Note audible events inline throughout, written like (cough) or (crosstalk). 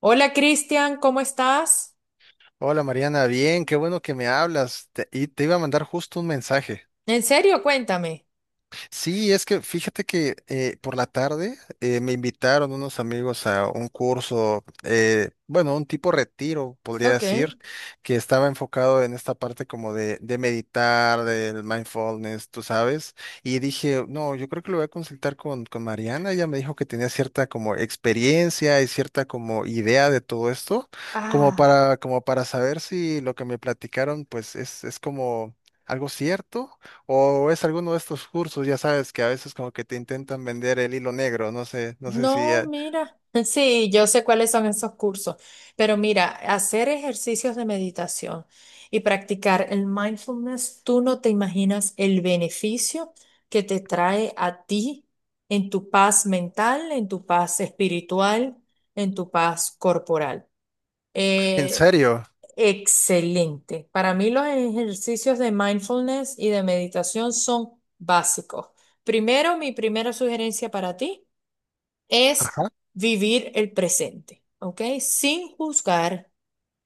Hola Cristian, ¿cómo estás? Hola Mariana, bien, qué bueno que me hablas. Y te iba a mandar justo un mensaje. ¿En serio? Cuéntame. Sí, es que fíjate que por la tarde me invitaron unos amigos a un curso, bueno, un tipo retiro, podría Ok. decir, que estaba enfocado en esta parte como de meditar, del mindfulness, tú sabes, y dije, no, yo creo que lo voy a consultar con Mariana, ella me dijo que tenía cierta como experiencia y cierta como idea de todo esto, como Ah, para, como para saber si lo que me platicaron pues es como algo cierto o es alguno de estos cursos, ya sabes, que a veces como que te intentan vender el hilo negro, no sé, no sé si... no, mira. (laughs) Sí, yo sé cuáles son esos cursos, pero mira, hacer ejercicios de meditación y practicar el mindfulness, tú no te imaginas el beneficio que te trae a ti en tu paz mental, en tu paz espiritual, en tu paz corporal. ¿En Eh, serio? Excelente. Para mí los ejercicios de mindfulness y de meditación son básicos. Primero, mi primera sugerencia para ti es (laughs) vivir el presente, ¿ok? Sin juzgar,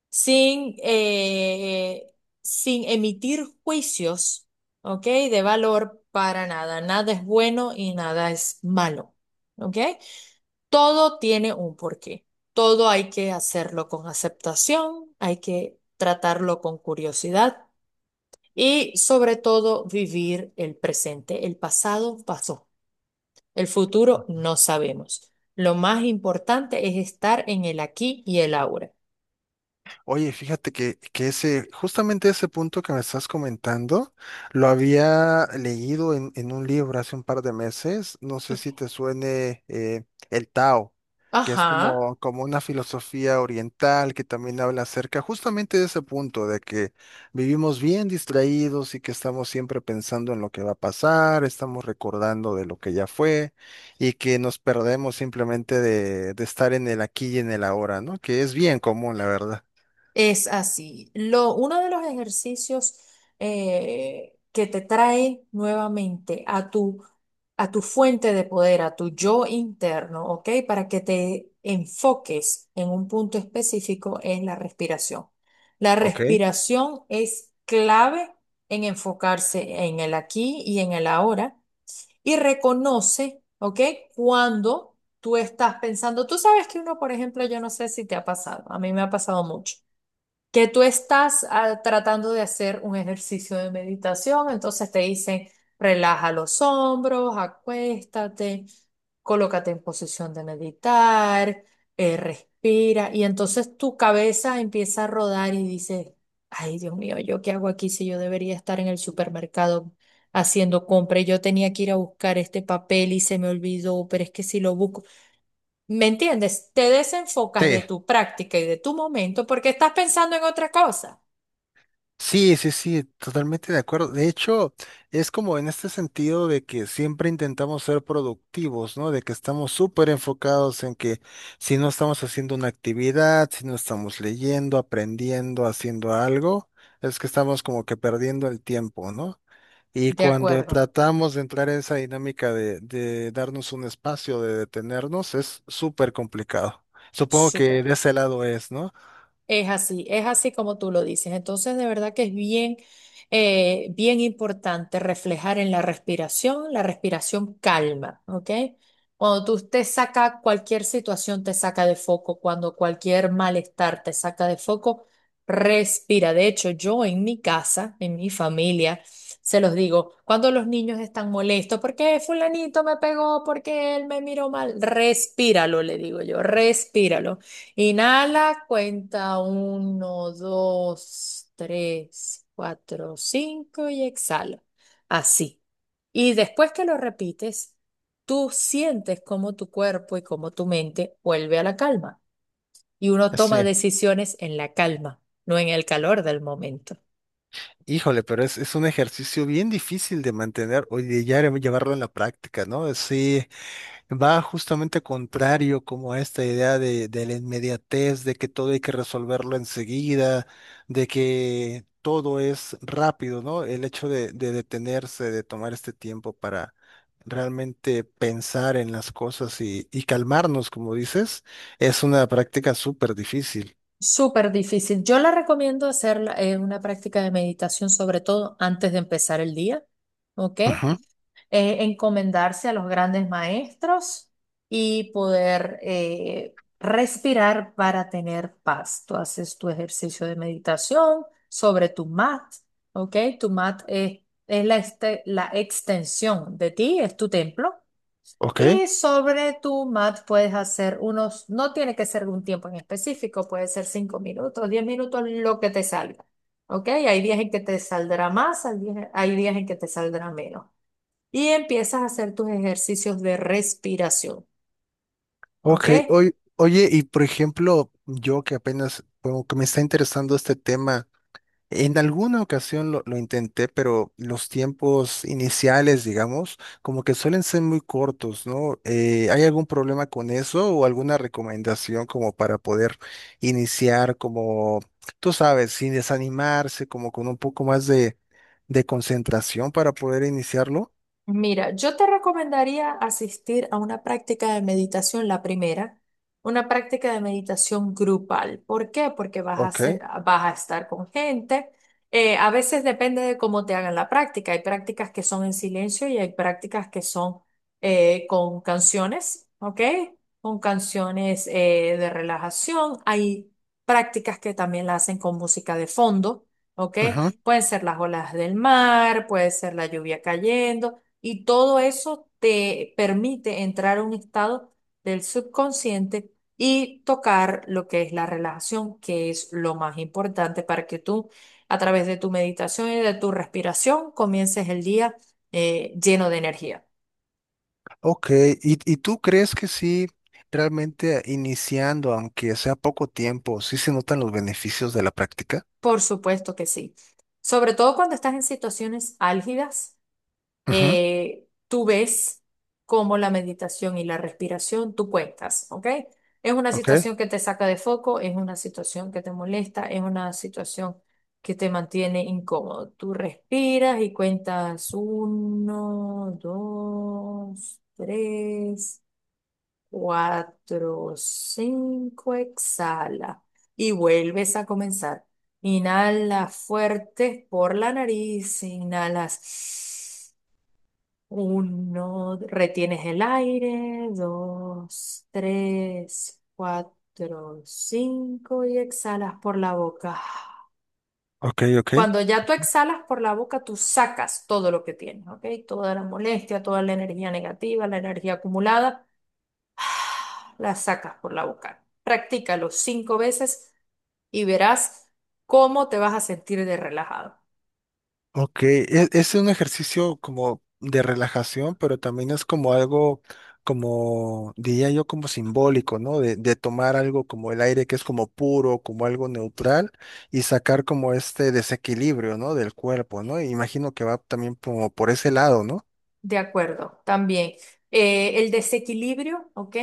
sin, eh, sin emitir juicios, ¿ok? De valor para nada. Nada es bueno y nada es malo, ¿ok? Todo tiene un porqué. Todo hay que hacerlo con aceptación, hay que tratarlo con curiosidad y sobre todo vivir el presente. El pasado pasó, el futuro no sabemos. Lo más importante es estar en el aquí y el ahora. Oye, fíjate que ese, justamente ese punto que me estás comentando, lo había leído en un libro hace un par de meses. No sé Ok. si te suene el Tao, que es Ajá. como, como una filosofía oriental que también habla acerca justamente de ese punto, de que vivimos bien distraídos y que estamos siempre pensando en lo que va a pasar, estamos recordando de lo que ya fue y que nos perdemos simplemente de estar en el aquí y en el ahora, ¿no? Que es bien común, la verdad. Es así. Uno de los ejercicios que te trae nuevamente a tu fuente de poder, a tu yo interno, ¿ok? Para que te enfoques en un punto específico es la respiración. La Ok. respiración es clave en enfocarse en el aquí y en el ahora y reconoce, ¿ok? Cuando tú estás pensando, tú sabes que uno, por ejemplo, yo no sé si te ha pasado, a mí me ha pasado mucho que tú estás tratando de hacer un ejercicio de meditación, entonces te dicen, relaja los hombros, acuéstate, colócate en posición de meditar, respira, y entonces tu cabeza empieza a rodar y dices, ay Dios mío, ¿yo qué hago aquí si yo debería estar en el supermercado haciendo compra y yo tenía que ir a buscar este papel y se me olvidó, pero es que si lo busco? ¿Me entiendes? Te desenfocas de Sí, tu práctica y de tu momento porque estás pensando en otra cosa. sí, sí, sí, totalmente de acuerdo. De hecho, es como en este sentido de que siempre intentamos ser productivos, ¿no? De que estamos súper enfocados en que si no estamos haciendo una actividad, si no estamos leyendo, aprendiendo, haciendo algo, es que estamos como que perdiendo el tiempo, ¿no? Y De cuando acuerdo. tratamos de entrar en esa dinámica de darnos un espacio, de detenernos, es súper complicado. Supongo que Súper. de ese lado es, ¿no? Es así como tú lo dices. Entonces, de verdad que es bien importante reflejar en la respiración. La respiración calma, ¿ok? Cuando tú te saca cualquier situación, te saca de foco. Cuando cualquier malestar te saca de foco, respira. De hecho, yo en mi casa, en mi familia, se los digo, cuando los niños están molestos, porque fulanito me pegó, porque él me miró mal, respíralo, le digo yo, respíralo. Inhala, cuenta uno, dos, tres, cuatro, cinco y exhala. Así. Y después que lo repites, tú sientes cómo tu cuerpo y cómo tu mente vuelve a la calma. Y uno toma Sí. decisiones en la calma, no en el calor del momento. Híjole, pero es un ejercicio bien difícil de mantener o de ya llevarlo en la práctica, ¿no? Sí, va justamente contrario como a esta idea de la inmediatez, de que todo hay que resolverlo enseguida, de que todo es rápido, ¿no? El hecho de detenerse, de tomar este tiempo para realmente pensar en las cosas y calmarnos, como dices, es una práctica súper difícil. Súper difícil. Yo la recomiendo una práctica de meditación, sobre todo antes de empezar el día. ¿Ok? Ujú. Encomendarse a los grandes maestros y poder respirar para tener paz. Tú haces tu ejercicio de meditación sobre tu mat, ¿ok? Tu mat es la extensión de ti, es tu templo. Ok. Y sobre tu mat puedes hacer unos, no tiene que ser un tiempo en específico, puede ser 5 minutos, 10 minutos, lo que te salga. ¿Ok? Hay días en que te saldrá más, hay días en que te saldrá menos y empiezas a hacer tus ejercicios de respiración, ¿ok? Ok, oye, y por ejemplo, yo que apenas como que me está interesando este tema, en alguna ocasión lo intenté, pero los tiempos iniciales, digamos, como que suelen ser muy cortos, ¿no? ¿Hay algún problema con eso o alguna recomendación como para poder iniciar como, tú sabes, sin desanimarse, como con un poco más de concentración para poder iniciarlo? Mira, yo te recomendaría asistir a una práctica de meditación, la primera, una práctica de meditación grupal. ¿Por qué? Porque Ok. vas a estar con gente. A veces depende de cómo te hagan la práctica. Hay prácticas que son en silencio y hay prácticas que son con canciones, ¿ok? Con canciones de relajación. Hay prácticas que también la hacen con música de fondo, ¿ok? Pueden ser las olas del mar, puede ser la lluvia cayendo. Y todo eso te permite entrar a un estado del subconsciente y tocar lo que es la relajación, que es lo más importante para que tú, a través de tu meditación y de tu respiración, comiences el día lleno de energía. Ok, ¿y tú crees que sí, realmente iniciando, aunque sea poco tiempo, sí se notan los beneficios de la práctica? Por supuesto que sí. Sobre todo cuando estás en situaciones álgidas, Ujú. Tú ves cómo la meditación y la respiración tú cuentas, ¿ok? Es una Ok, situación que te saca de foco, es una situación que te molesta, es una situación que te mantiene incómodo. Tú respiras y cuentas uno, dos, tres, cuatro, cinco, exhala y vuelves a comenzar. Inhala fuerte por la nariz, inhalas. Uno, retienes el aire. Dos, tres, cuatro, cinco y exhalas por la boca. ok, ok. Cuando ya tú exhalas por la boca, tú sacas todo lo que tienes, ¿ok? Toda la molestia, toda la energía negativa, la energía acumulada, (sighs) la sacas por la boca. Practícalo 5 veces y verás cómo te vas a sentir de relajado. Ok, es un ejercicio como de relajación, pero también es como algo, como diría yo, como simbólico, ¿no? De tomar algo como el aire que es como puro, como algo neutral, y sacar como este desequilibrio, ¿no? Del cuerpo, ¿no? Imagino que va también como por ese lado, ¿no? De acuerdo, también. El desequilibrio, ¿ok?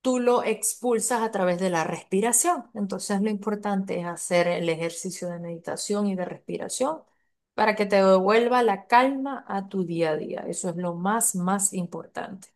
Tú lo expulsas a través de la respiración. Entonces lo importante es hacer el ejercicio de meditación y de respiración para que te devuelva la calma a tu día a día. Eso es lo más, más importante.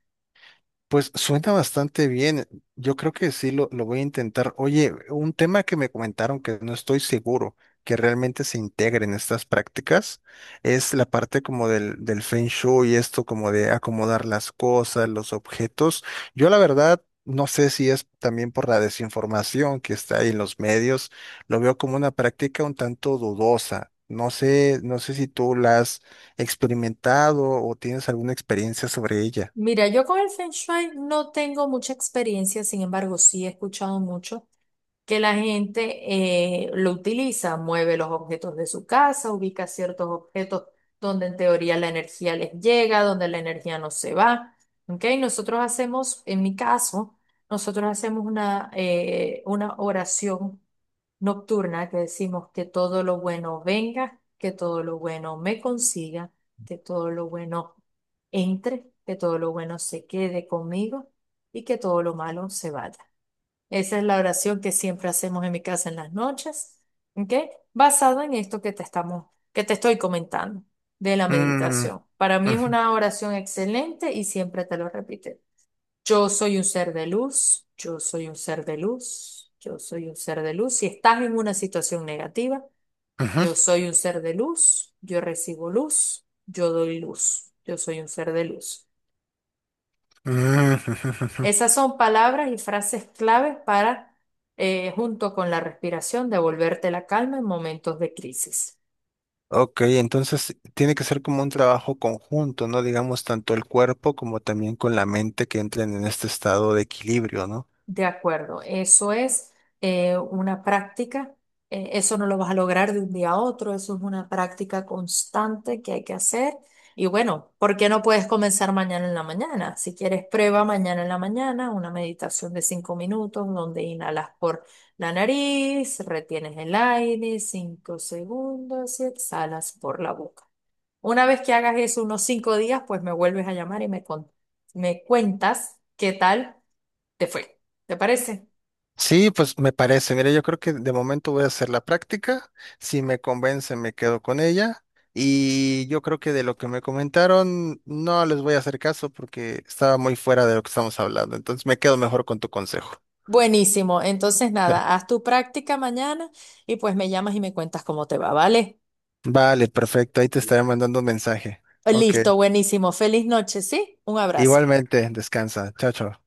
Pues suena bastante bien. Yo creo que sí lo voy a intentar. Oye, un tema que me comentaron que no estoy seguro que realmente se integre en estas prácticas es la parte como del Feng Shui y esto como de acomodar las cosas, los objetos. Yo la verdad no sé si es también por la desinformación que está ahí en los medios. Lo veo como una práctica un tanto dudosa. No sé, no sé si tú la has experimentado o tienes alguna experiencia sobre ella. Mira, yo con el Feng Shui no tengo mucha experiencia, sin embargo, sí he escuchado mucho, que la gente lo utiliza, mueve los objetos de su casa, ubica ciertos objetos donde en teoría la energía les llega, donde la energía no se va. ¿Ok? Nosotros hacemos, en mi caso, nosotros hacemos una oración nocturna que decimos que todo lo bueno venga, que todo lo bueno me consiga, que todo lo bueno entre, que todo lo bueno se quede conmigo y que todo lo malo se vaya. Esa es la oración que siempre hacemos en mi casa en las noches, ¿ok? Basada en esto que te estoy comentando de la meditación. Para mí es Ujú, una oración excelente y siempre te lo repito. Yo soy un ser de luz, yo soy un ser de luz, yo soy un ser de luz. Si estás en una situación negativa, yo ujú, soy un ser de luz, yo recibo luz, yo doy luz, yo soy un ser de luz. ujú, ujú. Esas son palabras y frases claves para, junto con la respiración, devolverte la calma en momentos de crisis. Ok, entonces tiene que ser como un trabajo conjunto, ¿no? Digamos, tanto el cuerpo como también con la mente que entren en este estado de equilibrio, ¿no? De acuerdo, eso es una práctica, eso no lo vas a lograr de un día a otro, eso es una práctica constante que hay que hacer. Y bueno, ¿por qué no puedes comenzar mañana en la mañana? Si quieres, prueba mañana en la mañana una meditación de 5 minutos donde inhalas por la nariz, retienes el aire 5 segundos y exhalas por la boca. Una vez que hagas eso unos 5 días, pues me vuelves a llamar y me cuentas qué tal te fue. ¿Te parece? Sí, pues me parece. Mira, yo creo que de momento voy a hacer la práctica. Si me convence, me quedo con ella. Y yo creo que de lo que me comentaron, no les voy a hacer caso porque estaba muy fuera de lo que estamos hablando. Entonces me quedo mejor con tu consejo. Buenísimo. Entonces, (laughs) Ya. nada, haz tu práctica mañana y pues me llamas y me cuentas cómo te va, ¿vale? Vale, perfecto. Ahí te estaré mandando un mensaje. Ok. Listo, buenísimo. Feliz noche, ¿sí? Un abrazo. Igualmente, descansa. Chao, chao.